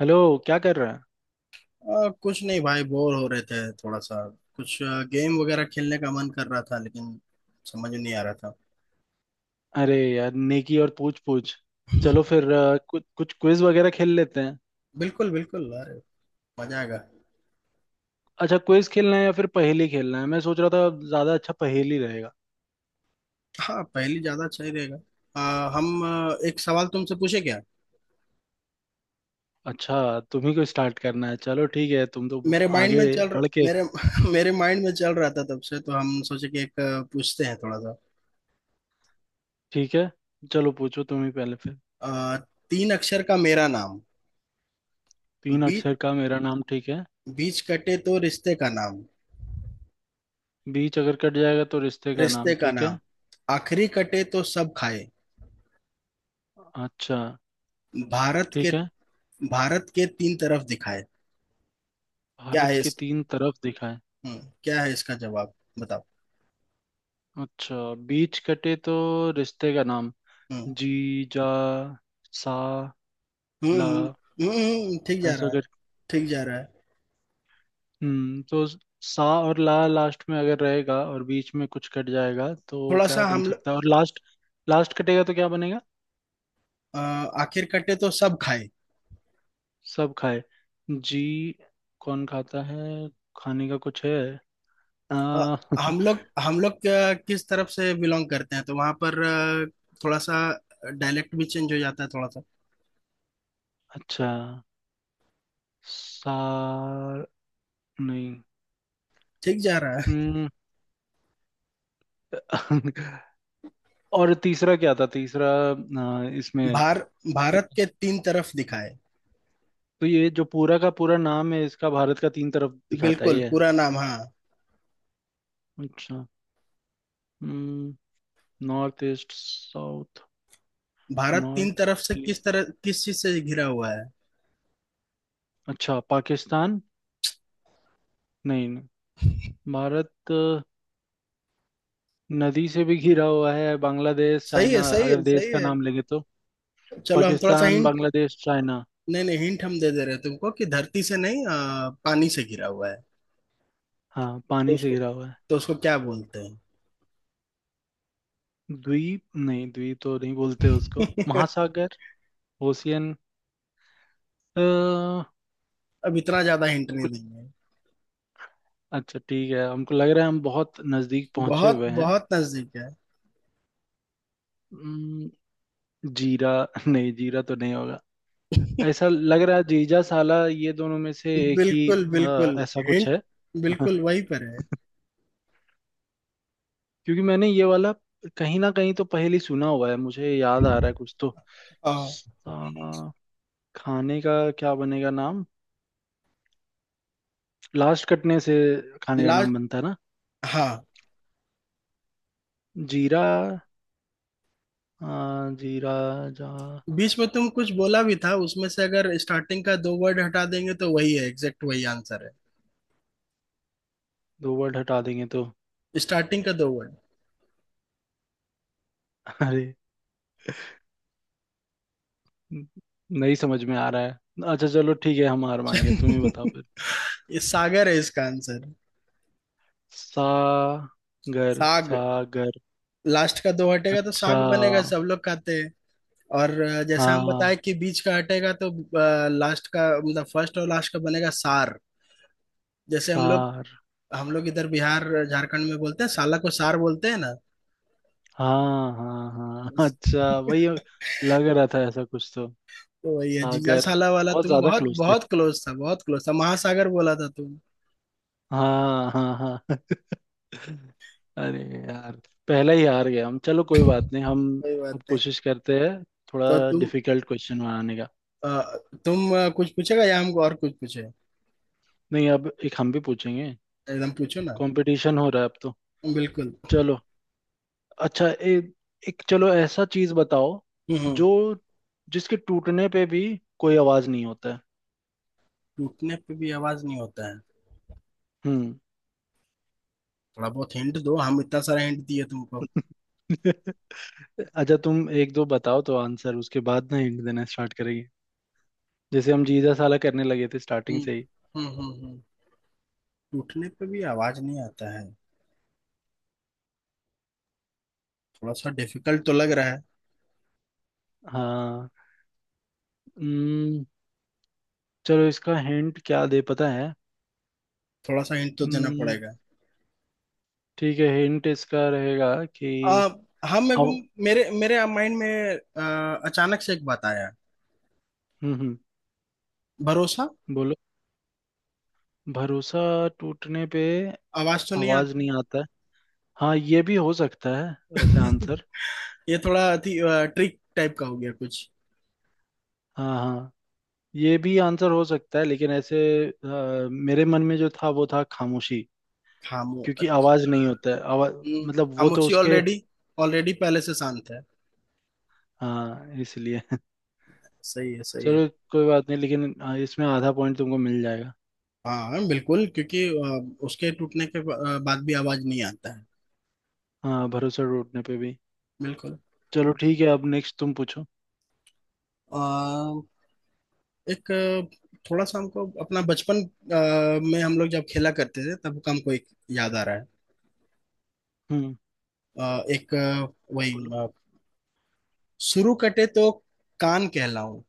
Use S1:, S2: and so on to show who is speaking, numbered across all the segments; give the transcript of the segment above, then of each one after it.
S1: Hello. क्या कर रहा है?
S2: कुछ नहीं भाई, बोर हो रहे थे थोड़ा सा। कुछ गेम वगैरह खेलने का मन कर रहा था लेकिन समझ नहीं आ रहा था।
S1: अरे यार, नेकी और पूछ पूछ। चलो फिर कुछ कुछ क्विज वगैरह खेल लेते हैं।
S2: बिल्कुल बिल्कुल, अरे मजा आएगा।
S1: अच्छा, क्विज खेलना है या फिर पहेली खेलना है? मैं सोच रहा था ज्यादा अच्छा पहेली रहेगा।
S2: हाँ, पहली ज्यादा सही रहेगा। हम एक सवाल तुमसे पूछे क्या?
S1: अच्छा, तुम्ही को स्टार्ट करना है? चलो ठीक है, तुम तो
S2: मेरे माइंड
S1: आगे
S2: में चल रहा,
S1: बढ़ के।
S2: मेरे... मेरे माइंड में चल रहा था तब से, तो हम सोचे कि एक पूछते हैं थोड़ा सा।
S1: ठीक है, चलो पूछो तुम ही पहले फिर।
S2: आ, तीन अक्षर का मेरा नाम।
S1: तीन
S2: बी,
S1: अक्षर का मेरा नाम, ठीक है।
S2: बीच कटे तो रिश्ते का नाम।
S1: बीच अगर कट जाएगा तो रिश्ते का
S2: रिश्ते
S1: नाम,
S2: का
S1: ठीक
S2: नाम।
S1: है।
S2: आखिरी कटे तो सब खाए।
S1: अच्छा,
S2: भारत के
S1: ठीक है।
S2: भारत के तीन तरफ दिखाए। क्या है
S1: भारत के
S2: इस
S1: तीन तरफ दिखाए।
S2: क्या है इसका जवाब? बताओ।
S1: अच्छा, बीच कटे तो रिश्ते का नाम।
S2: हम्म
S1: जी। जा। सा। ला।
S2: हम्म, ठीक जा
S1: ऐसा
S2: रहा है।
S1: कर।
S2: ठीक जा रहा है।
S1: हम्म, तो सा और ला लास्ट में अगर रहेगा और बीच में कुछ कट जाएगा तो
S2: थोड़ा
S1: क्या
S2: सा,
S1: बन
S2: हम लोग...
S1: सकता है? और लास्ट, लास्ट कटेगा तो क्या बनेगा?
S2: अ, आखिर कटे तो सब खाए।
S1: सब खाए। जी। कौन खाता है? खाने का कुछ है?
S2: अ,
S1: आ,
S2: हम लोग किस तरफ से बिलोंग करते हैं, तो वहां पर थोड़ा सा डायलेक्ट भी चेंज हो जाता है, थोड़ा सा।
S1: अच्छा। सा। नहीं।
S2: ठीक जा रहा है।
S1: हम्म। और तीसरा क्या था, तीसरा? इसमें
S2: भार भारत के तीन तरफ दिखाए।
S1: तो ये जो पूरा का पूरा नाम है इसका, भारत का तीन तरफ दिखाता है
S2: बिल्कुल,
S1: ये?
S2: पूरा नाम, हाँ।
S1: अच्छा, नॉर्थ, ईस्ट, साउथ।
S2: भारत तीन
S1: नॉर्थ।
S2: तरफ से किस
S1: ईस्ट।
S2: तरह, किस चीज से घिरा हुआ है?
S1: अच्छा, पाकिस्तान। नहीं नहीं। भारत नदी से भी घिरा हुआ है। बांग्लादेश,
S2: सही है,
S1: चाइना,
S2: सही
S1: अगर
S2: है,
S1: देश
S2: सही
S1: का
S2: है।
S1: नाम लेंगे तो।
S2: चलो, हम थोड़ा सा
S1: पाकिस्तान,
S2: हिंट...
S1: बांग्लादेश, चाइना।
S2: नहीं नहीं, हिंट हम दे दे रहे हैं तुमको कि धरती से नहीं, पानी से घिरा हुआ है।
S1: हाँ,
S2: तो
S1: पानी से
S2: उसको
S1: घिरा हुआ है।
S2: तो उसको क्या बोलते
S1: द्वीप? नहीं, द्वीप तो नहीं बोलते उसको।
S2: हैं?
S1: महासागर। ओशियन। हमको।
S2: अब इतना ज्यादा हिंट नहीं देंगे।
S1: अच्छा ठीक है, हमको लग रहा है हम बहुत नजदीक पहुंचे
S2: बहुत
S1: हुए हैं।
S2: बहुत नजदीक है।
S1: अम्म, जीरा। नहीं, जीरा तो नहीं होगा। ऐसा लग रहा है जीजा, साला, ये दोनों में से एक ही।
S2: बिल्कुल बिल्कुल।
S1: ऐसा कुछ
S2: हिंट
S1: है।
S2: बिल्कुल वहीं पर है।
S1: क्योंकि मैंने ये वाला कहीं ना कहीं तो पहले ही सुना हुआ है, मुझे याद आ रहा है कुछ तो।
S2: हाँ,
S1: सा- खाने का क्या बनेगा नाम? लास्ट कटने से खाने का
S2: लास्ट,
S1: नाम बनता है ना?
S2: हाँ।
S1: जीरा। जीरा। जा।
S2: बीच में तुम कुछ बोला भी था, उसमें से अगर स्टार्टिंग का दो वर्ड हटा देंगे तो वही है, एग्जैक्ट वही आंसर है।
S1: दो वर्ड हटा देंगे तो?
S2: स्टार्टिंग का दो वर्ड।
S1: अरे, न- नहीं समझ में आ रहा है। अच्छा चलो ठीक है, हम हार मान गए, तुम ही बताओ फिर।
S2: ये सागर है इसका आंसर।
S1: सागर।
S2: साग।
S1: सागर।
S2: लास्ट का दो हटेगा तो
S1: अच्छा।
S2: साग बनेगा, सब लोग खाते हैं। और जैसा हम
S1: हाँ।
S2: बताए कि बीच का हटेगा तो, लास्ट का मतलब फर्स्ट और लास्ट का बनेगा सार। जैसे
S1: सार।
S2: हम लोग इधर बिहार झारखंड में बोलते हैं, साला को सार बोलते हैं ना।
S1: हाँ हाँ
S2: तो
S1: हाँ। अच्छा, वही लग रहा था ऐसा कुछ तो।
S2: वही है जीजा
S1: सागर।
S2: साला वाला।
S1: बहुत
S2: तुम
S1: ज्यादा
S2: बहुत
S1: क्लोज थे।
S2: बहुत क्लोज था, बहुत क्लोज था। महासागर बोला था तुम।
S1: हाँ हाँ हाँ। अरे यार, पहला ही हार गया हम, चलो कोई बात नहीं, हम
S2: कोई बात
S1: अब
S2: नहीं।
S1: कोशिश करते हैं
S2: तो
S1: थोड़ा डिफिकल्ट क्वेश्चन बनाने का।
S2: अ, तुम कुछ पूछेगा या हमको और कुछ पूछे?
S1: नहीं, अब एक हम भी पूछेंगे।
S2: एकदम पूछो ना।
S1: कंपटीशन हो रहा है अब तो।
S2: बिल्कुल।
S1: चलो। अच्छा, एक चलो ऐसा चीज बताओ
S2: हम्म हम्म।
S1: जो, जिसके टूटने पे भी कोई आवाज नहीं होता है।
S2: टूटने पे भी आवाज नहीं होता है।
S1: हम्म।
S2: थोड़ा बहुत हिंट दो, हम इतना सारा हिंट दिए तुमको।
S1: अच्छा, तुम एक दो बताओ तो आंसर, उसके बाद ना हिंट देना स्टार्ट करेंगे, जैसे हम जीजा साला करने लगे थे स्टार्टिंग
S2: हम्म
S1: से ही।
S2: हम्म, हम्म, टूटने पे भी आवाज नहीं आता है। थोड़ा सा डिफिकल्ट तो लग रहा है।
S1: हाँ। हम्म, चलो इसका हिंट क्या दे, पता है।
S2: थोड़ा सा हिंट तो देना
S1: हम्म,
S2: पड़ेगा।
S1: ठीक है, हिंट इसका रहेगा कि
S2: आ, हाँ, मेरे को,
S1: हव-
S2: मेरे मेरे माइंड में अचानक से एक बात आया।
S1: हम्म।
S2: भरोसा।
S1: बोलो। भरोसा टूटने पे
S2: आवाज तो नहीं
S1: आवाज
S2: आता
S1: नहीं आता है। हाँ, ये भी हो सकता है
S2: है।
S1: वैसे आंसर।
S2: ये थोड़ा ट्रिक टाइप का हो गया कुछ।
S1: हाँ हाँ, ये भी आंसर हो सकता है, लेकिन ऐसे मेरे मन में जो था वो था खामोशी,
S2: खामो
S1: क्योंकि आवाज नहीं होता है, आवाज
S2: हम्म,
S1: मतलब वो तो
S2: खामोशी
S1: उसके,
S2: ऑलरेडी, ऑलरेडी पहले से शांत है।
S1: हाँ, इसलिए।
S2: सही है, सही है।
S1: चलो कोई बात नहीं, लेकिन इसमें आधा पॉइंट तुमको मिल जाएगा।
S2: हाँ बिल्कुल, क्योंकि उसके टूटने के बाद भी आवाज नहीं आता है।
S1: हाँ, भरोसा टूटने पे भी।
S2: बिल्कुल।
S1: चलो ठीक है, अब नेक्स्ट तुम पूछो।
S2: एक थोड़ा सा हमको अपना बचपन में हम लोग जब खेला करते थे तब का हमको एक याद आ रहा है।
S1: हम्म।
S2: एक वही,
S1: बोलो।
S2: शुरू कटे तो कान कहलाऊं।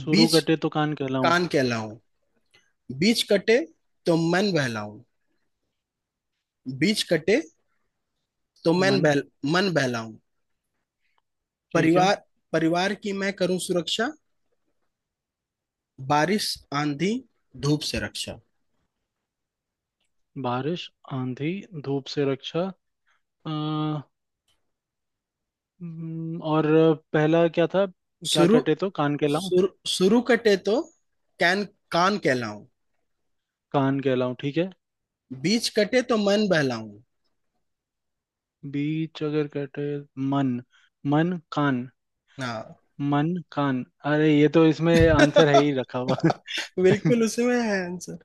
S1: शुरू
S2: बीच...
S1: कटे तो कान कहलाऊं।
S2: कान कहलाऊं। बीच कटे तो मन बहलाऊं। बीच कटे तो
S1: मन,
S2: मन बहलाऊं।
S1: ठीक है।
S2: परिवार परिवार की मैं करूं सुरक्षा। बारिश, आंधी, धूप से रक्षा।
S1: बारिश, आंधी, धूप से रक्षा। आ, और पहला क्या था? क्या
S2: शुरू
S1: कटे तो कान कहलाऊं?
S2: शुरू शुरू कटे तो कैन कान कहलाऊं।
S1: कान कहलाऊं, ठीक है।
S2: बीच कटे तो मन बहलाऊं।
S1: बीच अगर कटे, मन। मन, कान।
S2: हाँ।
S1: मन, कान। अरे, ये तो इसमें आंसर है ही रखा हुआ।
S2: बिल्कुल उसमें है आंसर।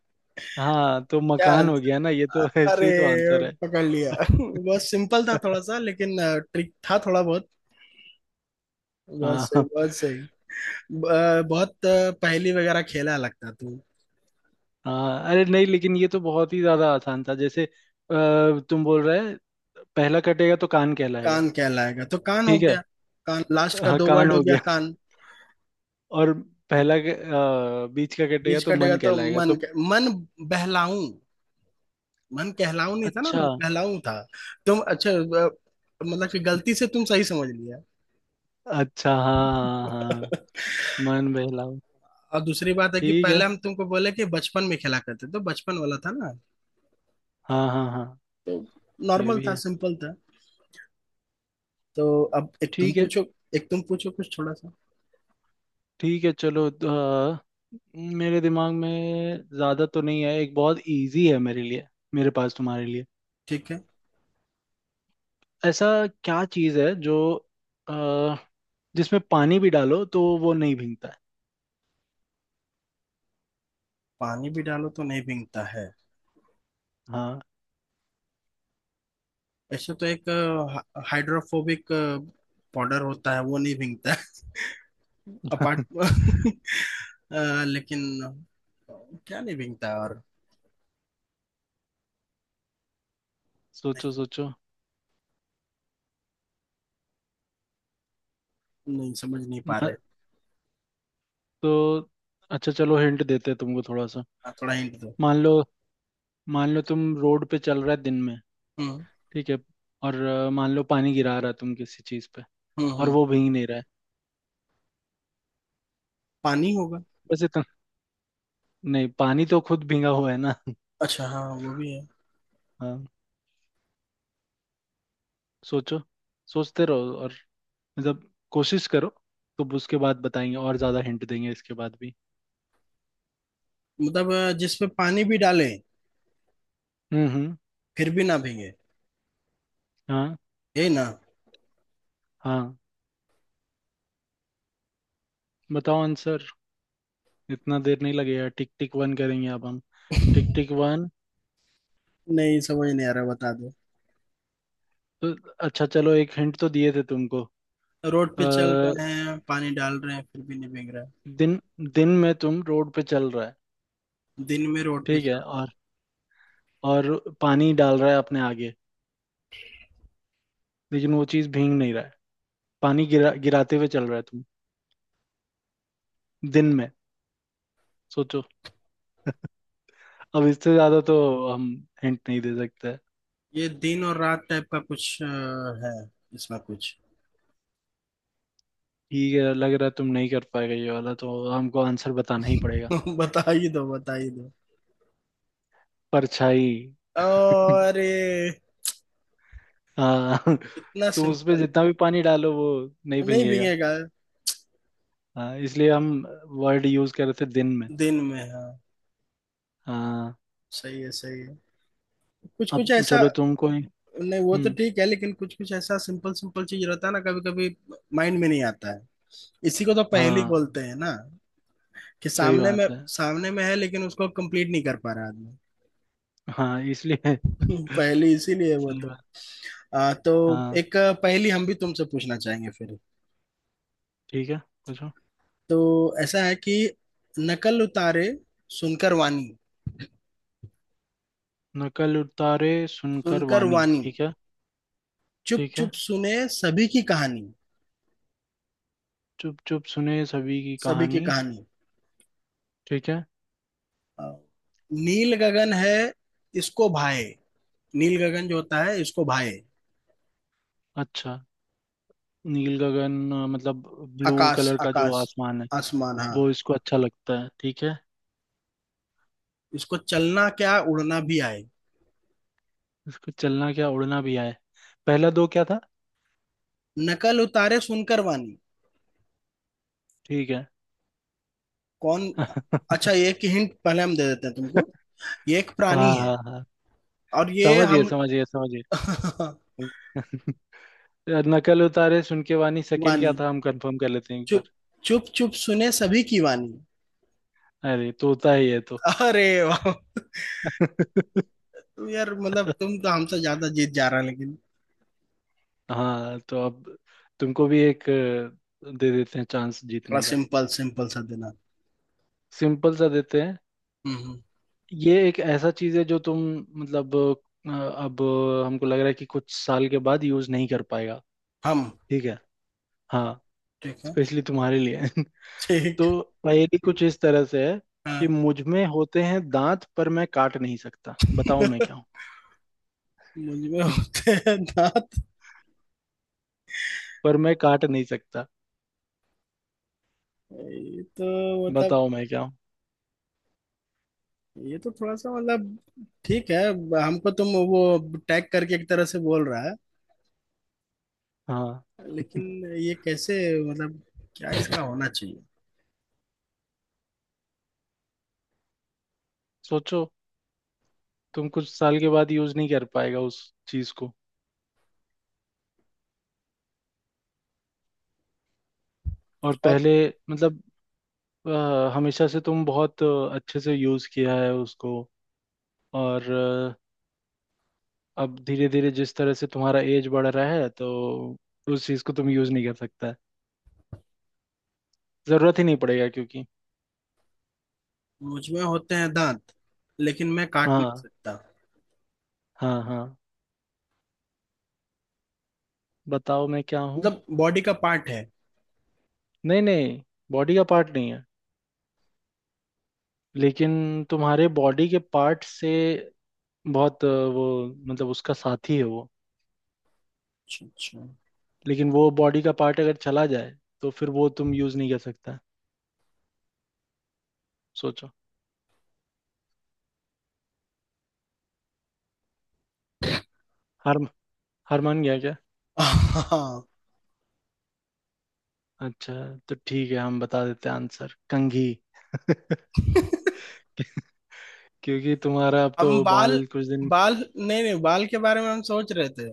S1: हाँ, तो
S2: क्या
S1: मकान हो
S2: आंसर?
S1: गया ना ये तो। ऐसे
S2: अरे,
S1: ही तो आंसर है।
S2: पकड़ लिया। बहुत सिंपल था थोड़ा सा, लेकिन ट्रिक था थोड़ा बहुत। बहुत
S1: हाँ
S2: सही,
S1: हाँ
S2: बहुत सही। बहुत पहेली वगैरह खेला लगता तू।
S1: हाँ, अरे नहीं, लेकिन ये तो बहुत ही ज्यादा आसान था, जैसे तुम बोल रहे पहला कटेगा तो कान कहलाएगा,
S2: कान कहलाएगा तो कान हो
S1: ठीक है।
S2: गया। कान, लास्ट का
S1: हाँ,
S2: दो
S1: कान
S2: वर्ड हो
S1: हो
S2: गया
S1: गया
S2: कान।
S1: और पहला बीच का कटेगा
S2: बीच
S1: तो
S2: कटेगा
S1: मन
S2: तो
S1: कहलाएगा तो।
S2: मन बहलाऊं। मन कहलाऊं नहीं था ना,
S1: अच्छा।
S2: बहलाऊं था। तुम अच्छा, मतलब कि गलती से तुम सही समझ लिया।
S1: अच्छा हाँ हाँ हाँ हाँ। मन बहलाओ।
S2: और दूसरी बात है कि
S1: ठीक है।
S2: पहले हम तुमको बोले कि बचपन में खेला करते, तो बचपन वाला था ना।
S1: हाँ हाँ हाँ।
S2: तो
S1: ये
S2: नॉर्मल
S1: भी
S2: था,
S1: है।
S2: सिंपल था। तो अब एक तुम
S1: ठीक है।
S2: पूछो। एक तुम पूछो कुछ थोड़ा सा।
S1: ठीक है, चलो तो, मेरे दिमाग में ज्यादा तो नहीं है, एक बहुत इजी है मेरे लिए, मेरे पास तुम्हारे लिए।
S2: ठीक है।
S1: ऐसा क्या चीज है जो अ, जिसमें पानी भी डालो तो वो नहीं भीगता है?
S2: पानी भी डालो तो नहीं भींगता है?
S1: हाँ।
S2: ऐसे तो एक हाइड्रोफोबिक पाउडर होता है, वो नहीं भींगता है। अपार्ट लेकिन क्या नहीं भींगता है और? नहीं,
S1: सोचो सोचो।
S2: नहीं समझ नहीं पा रहे।
S1: म- तो अच्छा चलो, हिंट देते हैं तुमको थोड़ा सा।
S2: हाँ, थोड़ा हिंट दो।
S1: मान लो, मान लो तुम रोड पे चल रहा है दिन में,
S2: हम्म
S1: ठीक है। और मान लो पानी गिरा रहा है तुम किसी चीज पे, और
S2: हम्म।
S1: वो भींग नहीं रहा है,
S2: पानी होगा?
S1: बस इतना। नहीं, पानी तो खुद भींगा हुआ है ना।
S2: अच्छा हाँ, वो भी है।
S1: हाँ। सोचो, सोचते रहो, और मतलब कोशिश करो, तो उसके बाद बताएंगे और ज्यादा हिंट देंगे इसके बाद भी।
S2: मतलब जिसपे पानी भी डाले
S1: हम्म।
S2: फिर भी ना भीगे,
S1: हाँ।
S2: यही ना?
S1: हाँ। बताओ आंसर, इतना देर नहीं लगेगा, टिक टिक वन करेंगे अब हम। टिक टिक वन।
S2: नहीं समझ नहीं आ रहा, बता दो।
S1: तो अच्छा चलो, एक हिंट तो दिए थे तुमको।
S2: रोड पे चल
S1: अ,
S2: रहे हैं, पानी डाल रहे हैं, फिर भी नहीं भीग रहा
S1: दिन, दिन में तुम रोड पे चल रहा है,
S2: है? दिन में रोड पे
S1: ठीक है।
S2: चल...
S1: और पानी डाल रहा है अपने आगे, लेकिन वो चीज भींग नहीं रहा है। पानी गिरा गिराते हुए चल रहा है तुम दिन में। सोचो। अब इससे ज्यादा तो हम हिंट नहीं दे सकते।
S2: ये दिन और रात टाइप का कुछ है इसमें कुछ?
S1: ठीक है, लग रहा है तुम नहीं कर पाएगा ये वाला, तो हमको आंसर बताना ही पड़ेगा।
S2: बता ही दो, बता ही दो।
S1: परछाई।
S2: और ये?
S1: हाँ,
S2: इतना
S1: तुम उसमें
S2: सिंपल?
S1: जितना भी पानी डालो वो नहीं
S2: नहीं
S1: भीगेगा।
S2: भीगेगा।
S1: हाँ, इसलिए हम वर्ड यूज कर रहे थे दिन में।
S2: दिन में, हाँ।
S1: हाँ।
S2: सही है, सही है। कुछ कुछ
S1: अब
S2: ऐसा।
S1: चलो, तुम कोई।
S2: नहीं, वो तो
S1: हम्म।
S2: ठीक है लेकिन कुछ कुछ ऐसा सिंपल सिंपल चीज रहता है ना कभी कभी, माइंड में नहीं आता है। इसी को तो पहेली
S1: हाँ,
S2: बोलते हैं ना, कि
S1: सही
S2: सामने में,
S1: बात है।
S2: सामने में है लेकिन उसको कंप्लीट नहीं कर पा रहा आदमी।
S1: हाँ, इसलिए।
S2: पहेली इसीलिए है वो
S1: सही
S2: तो।
S1: बात।
S2: तो
S1: हाँ।
S2: एक पहेली हम भी तुमसे पूछना चाहेंगे फिर।
S1: ठीक है, पूछो।
S2: तो ऐसा है कि, नकल उतारे सुनकर वाणी,
S1: नकल उतारे सुनकर
S2: सुनकर
S1: वाणी,
S2: वाणी,
S1: ठीक है।
S2: चुप
S1: ठीक है।
S2: चुप सुने सभी की कहानी,
S1: चुप चुप सुने सभी की
S2: सभी की
S1: कहानी,
S2: कहानी।
S1: ठीक है।
S2: आ, नील गगन है, इसको भाए। नील गगन जो होता है, इसको भाए।
S1: अच्छा, नील गगन मतलब ब्लू
S2: आकाश,
S1: कलर का जो
S2: आकाश,
S1: आसमान है,
S2: आसमान, हाँ।
S1: वो इसको अच्छा लगता है, ठीक है।
S2: इसको चलना क्या, उड़ना भी आए।
S1: इसको चलना क्या उड़ना भी आए। पहला दो क्या था?
S2: नकल उतारे सुनकर वाणी।
S1: ठीक है।
S2: कौन? अच्छा, ये एक हिंट पहले हम दे देते हैं तुमको। ये एक प्राणी
S1: हाँ
S2: है।
S1: हाँ हाँ,
S2: और ये
S1: समझिए
S2: हम...
S1: समझिए समझिए। नकल उतारे सुन के वानी, सेकंड क्या
S2: वाणी,
S1: था, हम कंफर्म कर लेते हैं एक बार।
S2: चुप चुप चुप सुने सभी की वाणी।
S1: अरे तोता ही है तो।
S2: अरे वाह। तुम यार, मतलब तुम तो हमसे ज्यादा जीत जा रहा है लेकिन...
S1: हाँ, तो अब तुमको भी एक दे देते हैं चांस
S2: थोड़ा
S1: जीतने का।
S2: सिंपल सिंपल सा देना।
S1: सिंपल सा देते हैं।
S2: हम्म हम्म,
S1: ये एक ऐसा चीज है जो तुम, मतलब अब हमको लग रहा है कि कुछ साल के बाद यूज नहीं कर पाएगा,
S2: हम...
S1: ठीक है। हाँ,
S2: ठीक है।
S1: स्पेशली तुम्हारे लिए।
S2: ठीक।
S1: तो पहेली कुछ इस तरह से है
S2: हाँ।
S1: कि मुझ में होते हैं दांत, पर मैं काट नहीं सकता, बताओ मैं क्या हूँ?
S2: मुझ में होते हैं दांत।
S1: पर मैं काट नहीं सकता,
S2: ये तो मतलब...
S1: बताओ मैं क्या हूँ?
S2: ये तो थोड़ा सा मतलब... ठीक है। हमको तुम वो टैग करके एक तरह से बोल रहा है।
S1: हाँ।
S2: लेकिन ये कैसे, मतलब क्या इसका होना चाहिए?
S1: सोचो, तुम कुछ साल के बाद यूज नहीं कर पाएगा उस चीज को, और
S2: और
S1: पहले मतलब हमेशा से तुम बहुत अच्छे से यूज किया है उसको, और अब धीरे धीरे जिस तरह से तुम्हारा एज बढ़ रहा है तो उस चीज को तुम यूज नहीं कर सकता, जरूरत ही नहीं पड़ेगा क्योंकि,
S2: मुझ में होते हैं दांत, लेकिन मैं काट नहीं
S1: हाँ
S2: सकता।
S1: हाँ हाँ, बताओ मैं क्या हूँ?
S2: मतलब बॉडी का पार्ट है?
S1: नहीं नहीं, बॉडी का पार्ट नहीं है, लेकिन तुम्हारे बॉडी के पार्ट से बहुत वो मतलब उसका साथी है वो,
S2: अच्छा, अच्छा।
S1: लेकिन वो बॉडी का पार्ट अगर चला जाए तो फिर वो तुम यूज नहीं कर सकता। सोचो। हार, हार मान गया क्या?
S2: हाँ।
S1: अच्छा, तो ठीक है हम बता देते हैं आंसर, कंघी। क्योंकि तुम्हारा अब तो
S2: हम बाल,
S1: बाल कुछ दिन,
S2: बाल... नहीं नहीं, बाल के बारे में हम सोच रहे थे,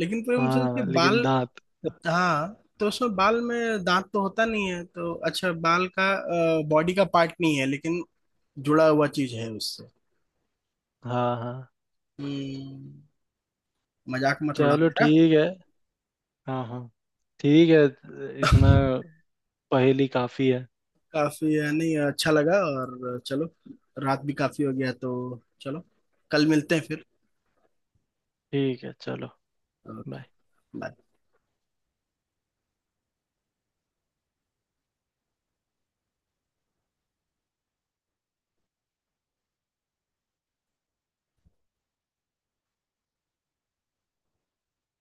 S2: लेकिन फिर हम सोचे कि
S1: हाँ,
S2: बाल...
S1: लेकिन दांत।
S2: हाँ, तो उसमें बाल में दांत तो होता नहीं है, तो अच्छा, बाल का बॉडी का पार्ट नहीं है लेकिन जुड़ा हुआ चीज है उससे।
S1: हाँ हाँ।
S2: हम्म। मजाक मत उड़ा
S1: चलो
S2: मेरा।
S1: ठीक है। हाँ हाँ, ठीक है, इतना पहेली काफी है।
S2: काफी है, नहीं अच्छा लगा, और चलो। रात भी काफी हो गया, तो चलो, कल मिलते हैं फिर।
S1: ठीक है, चलो,
S2: ओके।
S1: बाय।
S2: बाय।